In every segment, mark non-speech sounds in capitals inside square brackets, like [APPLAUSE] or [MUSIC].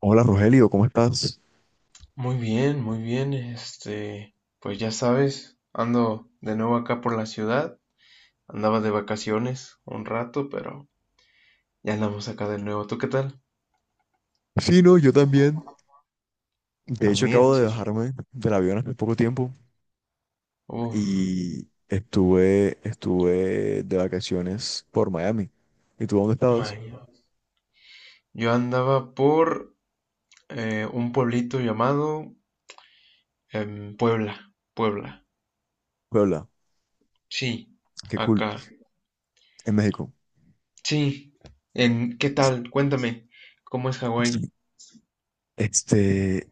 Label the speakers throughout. Speaker 1: Hola Rogelio, ¿cómo estás?
Speaker 2: Muy bien, muy bien. Pues ya sabes, ando de nuevo acá por la ciudad. Andaba de vacaciones un rato, pero ya andamos acá de nuevo. ¿Tú qué tal?
Speaker 1: Sí, no, yo también. De hecho,
Speaker 2: También,
Speaker 1: acabo de
Speaker 2: sí.
Speaker 1: bajarme del avión hace poco tiempo
Speaker 2: Uf,
Speaker 1: y estuve de vacaciones por Miami. ¿Y tú dónde estabas?
Speaker 2: man. Yo andaba por un pueblito llamado Puebla, Puebla.
Speaker 1: Puebla.
Speaker 2: Sí,
Speaker 1: Qué cool.
Speaker 2: acá.
Speaker 1: En México.
Speaker 2: Sí. ¿Qué tal? Cuéntame, ¿cómo es
Speaker 1: Sí.
Speaker 2: Hawái?
Speaker 1: Este,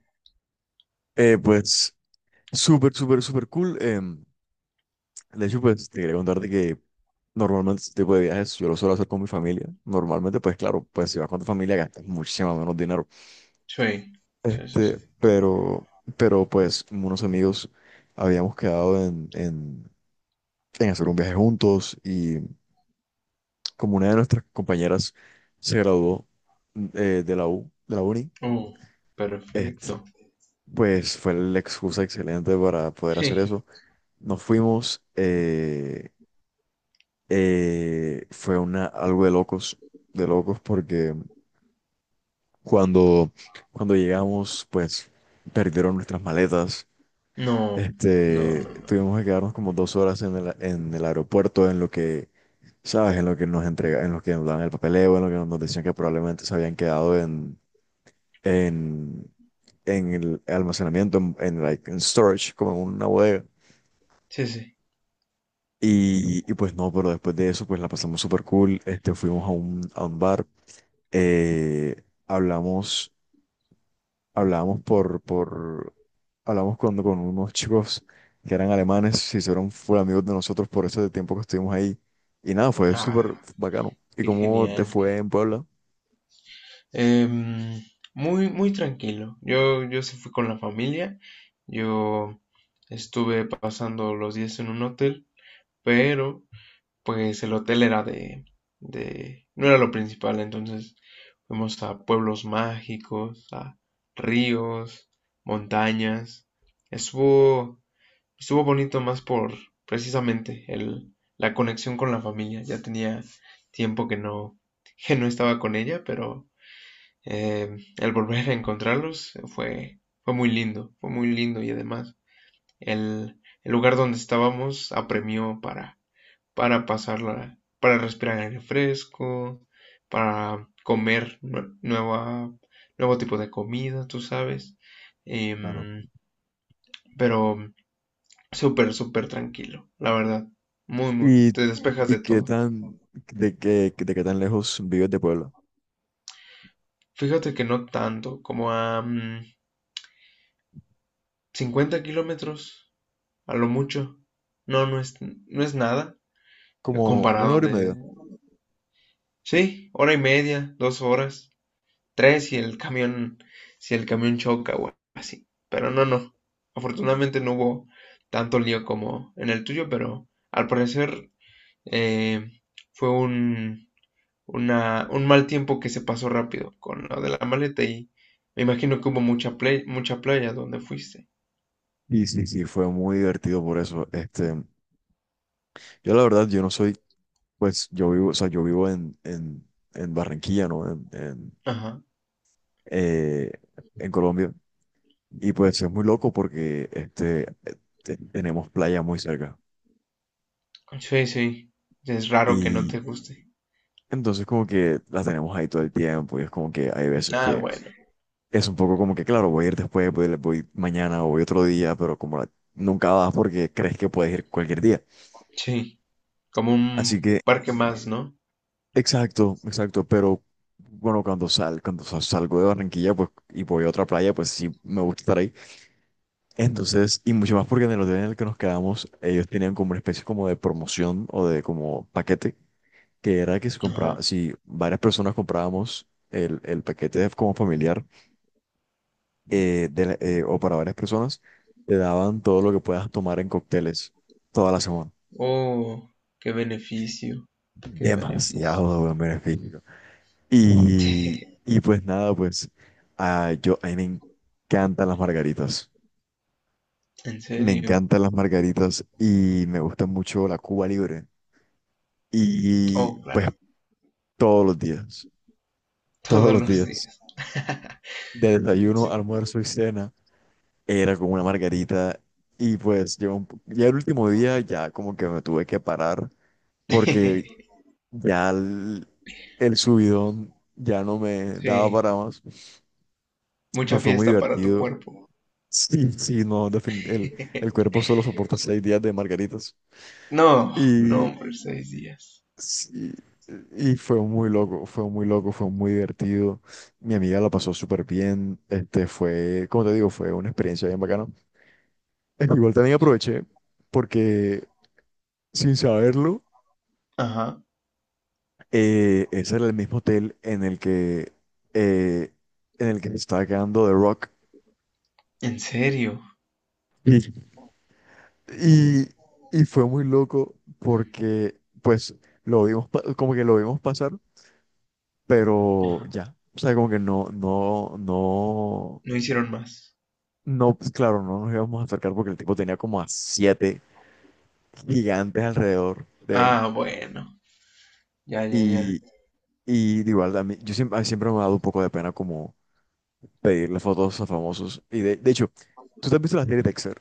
Speaker 1: pues, súper, súper, súper cool. De hecho, pues, te quería contarte que normalmente este tipo de viajes yo lo suelo hacer con mi familia. Normalmente, pues, claro, pues, si vas con tu familia gastas muchísimo menos dinero.
Speaker 2: Sí, sí, sí,
Speaker 1: Este,
Speaker 2: sí.
Speaker 1: pero, pero pues unos amigos habíamos quedado en hacer un viaje juntos y como una de nuestras compañeras se graduó, de la uni.
Speaker 2: Uh,
Speaker 1: este,
Speaker 2: perfecto.
Speaker 1: pues fue la excusa excelente para poder hacer
Speaker 2: Sí.
Speaker 1: eso. Nos fuimos, algo de locos, de locos, porque cuando, cuando llegamos pues perdieron nuestras maletas.
Speaker 2: No, no, no.
Speaker 1: Tuvimos que quedarnos como 2 horas en el aeropuerto, en lo que, ¿sabes? En lo que nos entrega, en lo que nos daban el papeleo, en lo que nos decían que probablemente se habían quedado en, en el almacenamiento, like, en storage, como en una bodega.
Speaker 2: Sí, sí.
Speaker 1: Y pues no, pero después de eso, pues la pasamos súper cool. Fuimos a un bar, hablamos. hablábamos por, por, Hablamos cuando con unos chicos que eran alemanes, se hicieron full amigos de nosotros por ese tiempo que estuvimos ahí. Y nada, fue súper
Speaker 2: Ah,
Speaker 1: bacano. ¿Y
Speaker 2: qué
Speaker 1: cómo te
Speaker 2: genial.
Speaker 1: fue en Puebla?
Speaker 2: Em, muy, muy tranquilo. Yo sí fui con la familia. Yo estuve pasando los días en un hotel, pero pues el hotel era no era lo principal. Entonces fuimos a pueblos mágicos, a ríos, montañas. Estuvo, Estuvo bonito más por, precisamente, la conexión con la familia. Ya tenía tiempo que no estaba con ella, pero el volver a encontrarlos fue, fue muy lindo y además el lugar donde estábamos apremió para pasarla, para respirar aire fresco, para comer nueva, nuevo tipo de comida, tú sabes.
Speaker 1: Claro.
Speaker 2: Em, pero súper, súper tranquilo, la verdad. Muy, muy.
Speaker 1: ¿Y,
Speaker 2: Te despejas
Speaker 1: y
Speaker 2: de
Speaker 1: qué
Speaker 2: todo.
Speaker 1: tan, de qué tan lejos vives de Puebla?
Speaker 2: Fíjate que no tanto, como a 50 kilómetros, a lo mucho. No, no es nada
Speaker 1: Como una
Speaker 2: comparado
Speaker 1: hora y
Speaker 2: de...
Speaker 1: media.
Speaker 2: Sí, hora y media, dos horas, tres si el camión, si el camión choca o así. Pero no, no. Afortunadamente no hubo tanto lío como en el tuyo, pero al parecer eh, fue un mal tiempo que se pasó rápido con lo de la maleta y me imagino que hubo mucha playa donde fuiste.
Speaker 1: Y sí, sí, fue muy divertido por eso. Yo la verdad, yo no soy, pues yo vivo, o sea, yo vivo en Barranquilla, ¿no?
Speaker 2: Ajá.
Speaker 1: Eh, en Colombia. Y pues es muy loco porque tenemos playa muy cerca.
Speaker 2: Sí, sí. Es raro que no
Speaker 1: Y
Speaker 2: te guste.
Speaker 1: entonces como que las tenemos ahí todo el tiempo y es como que hay veces
Speaker 2: Ah,
Speaker 1: que
Speaker 2: bueno.
Speaker 1: es un poco como que, claro, voy a ir después, voy mañana o voy otro día, pero nunca vas porque crees que puedes ir cualquier día.
Speaker 2: Sí, como
Speaker 1: Así
Speaker 2: un
Speaker 1: que,
Speaker 2: parque más, ¿no?
Speaker 1: exacto, exacto, pero bueno, cuando sal, cuando sa- salgo de Barranquilla pues, y voy a otra playa, pues sí me gusta estar ahí. Entonces, y mucho más porque en el hotel en el que nos quedamos, ellos tenían como una especie como de promoción o de como paquete, que era que
Speaker 2: Ajá.
Speaker 1: si varias personas comprábamos el paquete como familiar, o para varias personas, te daban todo lo que puedas tomar en cócteles toda la semana.
Speaker 2: Oh, qué beneficio. Qué beneficio.
Speaker 1: Demasiado buen beneficio. Y,
Speaker 2: [LAUGHS]
Speaker 1: y pues nada, pues a mí me encantan las margaritas.
Speaker 2: En
Speaker 1: Me
Speaker 2: serio.
Speaker 1: encantan las margaritas y me gusta mucho la Cuba Libre.
Speaker 2: Oh,
Speaker 1: Y pues
Speaker 2: claro.
Speaker 1: todos los días, todos
Speaker 2: Todos
Speaker 1: los
Speaker 2: los
Speaker 1: días,
Speaker 2: días. [LAUGHS]
Speaker 1: de desayuno,
Speaker 2: Sí.
Speaker 1: almuerzo y cena, era como una margarita. Y pues llegó ya el último día ya como que me tuve que parar porque
Speaker 2: [LAUGHS]
Speaker 1: ya el subidón ya no me daba
Speaker 2: Sí,
Speaker 1: para más, pero
Speaker 2: mucha
Speaker 1: fue muy
Speaker 2: fiesta para tu
Speaker 1: divertido.
Speaker 2: cuerpo.
Speaker 1: Sí, sí, no, el cuerpo solo soporta 6 días de margaritas.
Speaker 2: No, no,
Speaker 1: Y
Speaker 2: hombre, seis días.
Speaker 1: sí, y fue muy loco, fue muy loco, fue muy divertido. Mi amiga la pasó súper bien. Fue, como te digo, fue una experiencia bien bacana. Igual también aproveché porque, sin saberlo,
Speaker 2: Ajá.
Speaker 1: ese era el mismo hotel eh, en el que se estaba quedando The Rock.
Speaker 2: ¿En serio?
Speaker 1: Y, y, y fue muy loco porque, pues, como que lo vimos pasar, pero
Speaker 2: Ajá.
Speaker 1: ya. O sea, como que no, no, no.
Speaker 2: No hicieron más.
Speaker 1: No, pues claro, no nos íbamos a acercar porque el tipo tenía como a siete gigantes alrededor de él.
Speaker 2: Ah, bueno. Ya, ya, ya.
Speaker 1: Y, y de igual, a mí siempre me ha dado un poco de pena como pedirle fotos a famosos. Y, de hecho, ¿tú te has visto la serie Dexter?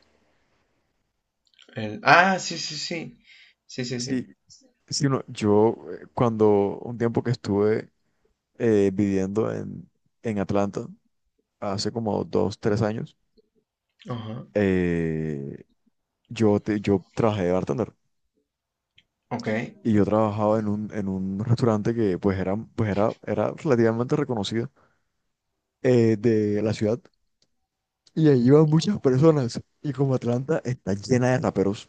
Speaker 2: El... Ah, sí, sí, sí. Sí, sí,
Speaker 1: Sí,
Speaker 2: sí.
Speaker 1: sí, no, yo, cuando un tiempo que estuve, viviendo en Atlanta, hace como 2, 3 años,
Speaker 2: Ajá.
Speaker 1: eh, yo trabajé de bartender.
Speaker 2: Ok.
Speaker 1: Y yo trabajaba en un [LAUGHS] restaurante que era relativamente reconocido, de la ciudad, y ahí iban muchas personas, y como Atlanta está llena de raperos,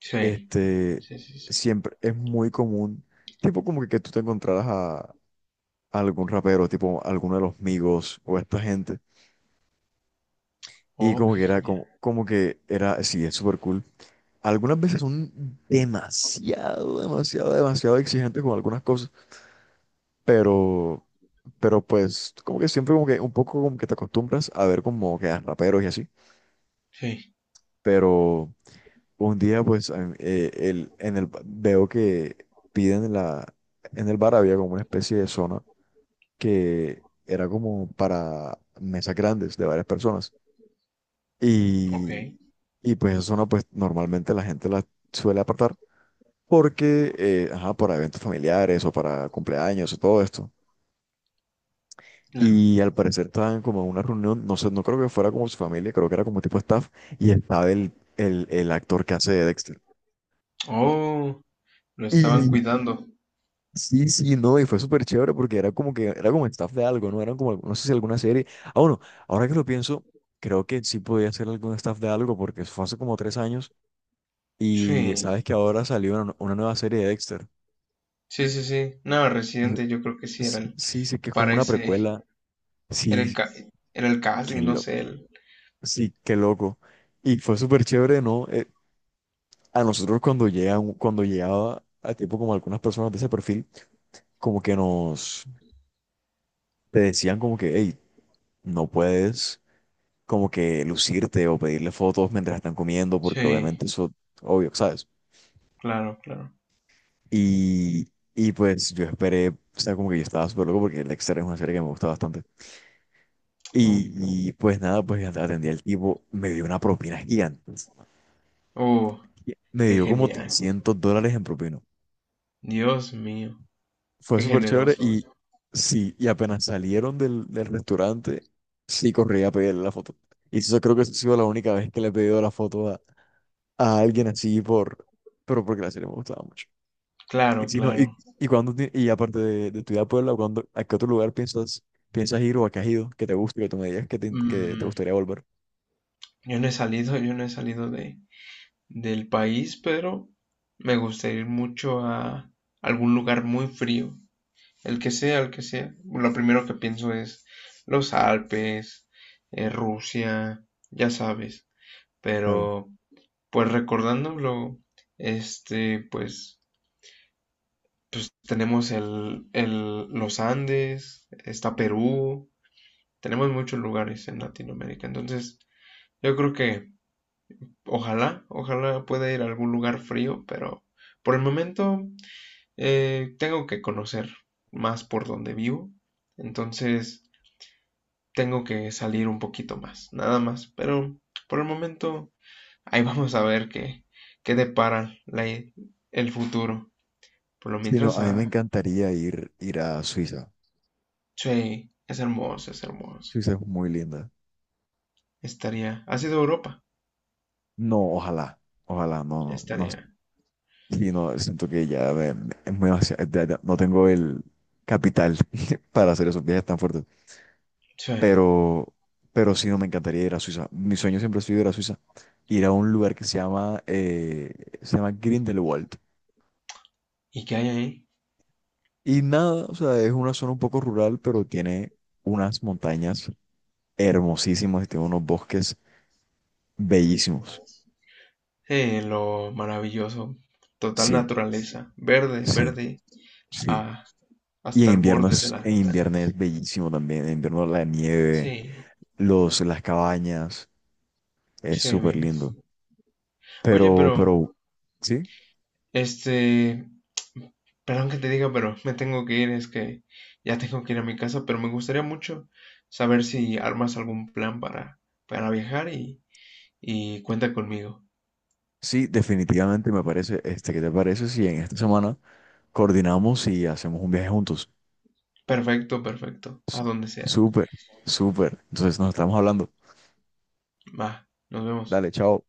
Speaker 2: Sí.
Speaker 1: este,
Speaker 2: Sí, sí, sí.
Speaker 1: siempre es muy común, tipo como que, tú te encontraras a algún rapero, tipo alguno de los Migos o esta gente, y
Speaker 2: Oh,
Speaker 1: como
Speaker 2: qué
Speaker 1: que era
Speaker 2: genial.
Speaker 1: como, como que era, sí, es súper cool. Algunas veces son demasiado, demasiado, demasiado exigentes con algunas cosas, pero… Pero pues como que siempre como que un poco como que te acostumbras a ver como que a raperos y así.
Speaker 2: Sí.
Speaker 1: Pero un día pues a- mí, el, en el, ba- veo que piden en la, en el bar había como una especie de zona que era como para mesas grandes de varias personas.
Speaker 2: Ok.
Speaker 1: Y, y pues esa zona pues normalmente la gente la suele apartar porque, ajá, para eventos familiares o para cumpleaños o todo esto.
Speaker 2: Claro.
Speaker 1: Y al parecer estaban como en una reunión, no sé, no creo que fuera como su familia, creo que era como tipo staff, y estaba el actor que hace de Dexter.
Speaker 2: Oh, lo estaban
Speaker 1: Y
Speaker 2: cuidando.
Speaker 1: sí, sí, no, y fue súper chévere porque era era como staff de algo, ¿no? Eran como, no sé si alguna serie. Ah, bueno, ahora que lo pienso, creo que sí podía ser algún staff de algo, porque eso fue hace como 3 años y sabes
Speaker 2: Sí.
Speaker 1: que ahora salió una nueva serie de Dexter.
Speaker 2: Sí, sí, sí. No, Residente yo creo que sí era el...
Speaker 1: Sí, sí, que es como
Speaker 2: Para
Speaker 1: una
Speaker 2: ese...
Speaker 1: precuela.
Speaker 2: Era
Speaker 1: Sí,
Speaker 2: era el
Speaker 1: qué
Speaker 2: casting, no
Speaker 1: loco.
Speaker 2: sé. El...
Speaker 1: Sí, qué loco. Y fue súper chévere, ¿no? A nosotros cuando llegaba a tipo como algunas personas de ese perfil, como que nos te decían como que, hey, no puedes como que lucirte o pedirle fotos mientras están comiendo, porque obviamente
Speaker 2: Sí.
Speaker 1: eso, obvio, ¿sabes?
Speaker 2: Claro, claro.
Speaker 1: Y, y pues yo esperé, o sea, como que yo estaba súper loco porque Dexter es una serie que me gusta bastante.
Speaker 2: Oh.
Speaker 1: Y pues nada, pues atendí al tipo, me dio una propina gigante.
Speaker 2: oh,
Speaker 1: Me
Speaker 2: qué
Speaker 1: dio como
Speaker 2: genial.
Speaker 1: $300 en propina.
Speaker 2: Dios mío.
Speaker 1: Fue
Speaker 2: Qué
Speaker 1: súper chévere
Speaker 2: generoso.
Speaker 1: y sí, y apenas salieron del restaurante, sí corrí a pedirle la foto. Y eso creo que ha sido la única vez que le he pedido la foto a alguien así por, pero porque la serie me gustaba mucho. Y
Speaker 2: Claro,
Speaker 1: si no,
Speaker 2: claro.
Speaker 1: y aparte de tu vida a Puebla, ¿a qué otro lugar piensas, ir, o a qué has ido que te guste, que tú me digas que te
Speaker 2: Mm,
Speaker 1: gustaría volver?
Speaker 2: yo no he salido de, del país, pero me gustaría ir mucho a algún lugar muy frío, el que sea, el que sea. Lo primero que pienso es los Alpes, Rusia, ya sabes.
Speaker 1: Claro.
Speaker 2: Pero, pues recordándolo, este, pues, pues tenemos los Andes, está Perú, tenemos muchos lugares en Latinoamérica. Entonces, yo creo que ojalá, ojalá pueda ir a algún lugar frío, pero por el momento tengo que conocer más por donde vivo, entonces tengo que salir un poquito más, nada más, pero por el momento ahí [LAUGHS] vamos a ver qué, qué depara el futuro. Por lo
Speaker 1: Sí, no,
Speaker 2: mientras,
Speaker 1: a mí me
Speaker 2: ah,
Speaker 1: encantaría ir a Suiza.
Speaker 2: sí, es hermoso, es hermoso.
Speaker 1: Suiza es muy linda.
Speaker 2: Estaría, ha sido Europa,
Speaker 1: No, ojalá, ojalá, no, no, no.
Speaker 2: estaría,
Speaker 1: Sí, no, siento que ya ya no tengo el capital [LAUGHS] para hacer esos viajes tan fuertes.
Speaker 2: sí.
Speaker 1: Pero, pero sí, no, me encantaría ir a Suiza. Mi sueño siempre ha sido ir a Suiza. Ir a un lugar que se llama Grindelwald.
Speaker 2: ¿Y qué hay ahí?
Speaker 1: Y nada, o sea, es una zona un poco rural, pero tiene unas montañas hermosísimas y tiene unos bosques bellísimos.
Speaker 2: Lo maravilloso, total
Speaker 1: Sí,
Speaker 2: naturaleza, verde,
Speaker 1: sí,
Speaker 2: verde,
Speaker 1: sí.
Speaker 2: ah,
Speaker 1: Y
Speaker 2: hasta
Speaker 1: en
Speaker 2: el
Speaker 1: invierno
Speaker 2: borde de
Speaker 1: es,
Speaker 2: las
Speaker 1: en invierno es
Speaker 2: montañas.
Speaker 1: bellísimo también. En invierno la nieve,
Speaker 2: Sí,
Speaker 1: los, las cabañas. Es
Speaker 2: che, mi
Speaker 1: súper lindo.
Speaker 2: Oye,
Speaker 1: Pero,
Speaker 2: pero,
Speaker 1: pero, sí,
Speaker 2: este, perdón que te diga, pero me tengo que ir, es que ya tengo que ir a mi casa, pero me gustaría mucho saber si armas algún plan para viajar y cuenta conmigo.
Speaker 1: sí, definitivamente me parece, ¿qué te parece si en esta semana coordinamos y hacemos un viaje juntos?
Speaker 2: Perfecto, perfecto, a
Speaker 1: S-
Speaker 2: donde sea.
Speaker 1: Súper, súper. Entonces nos estamos hablando.
Speaker 2: Va, nos vemos.
Speaker 1: Dale, chao.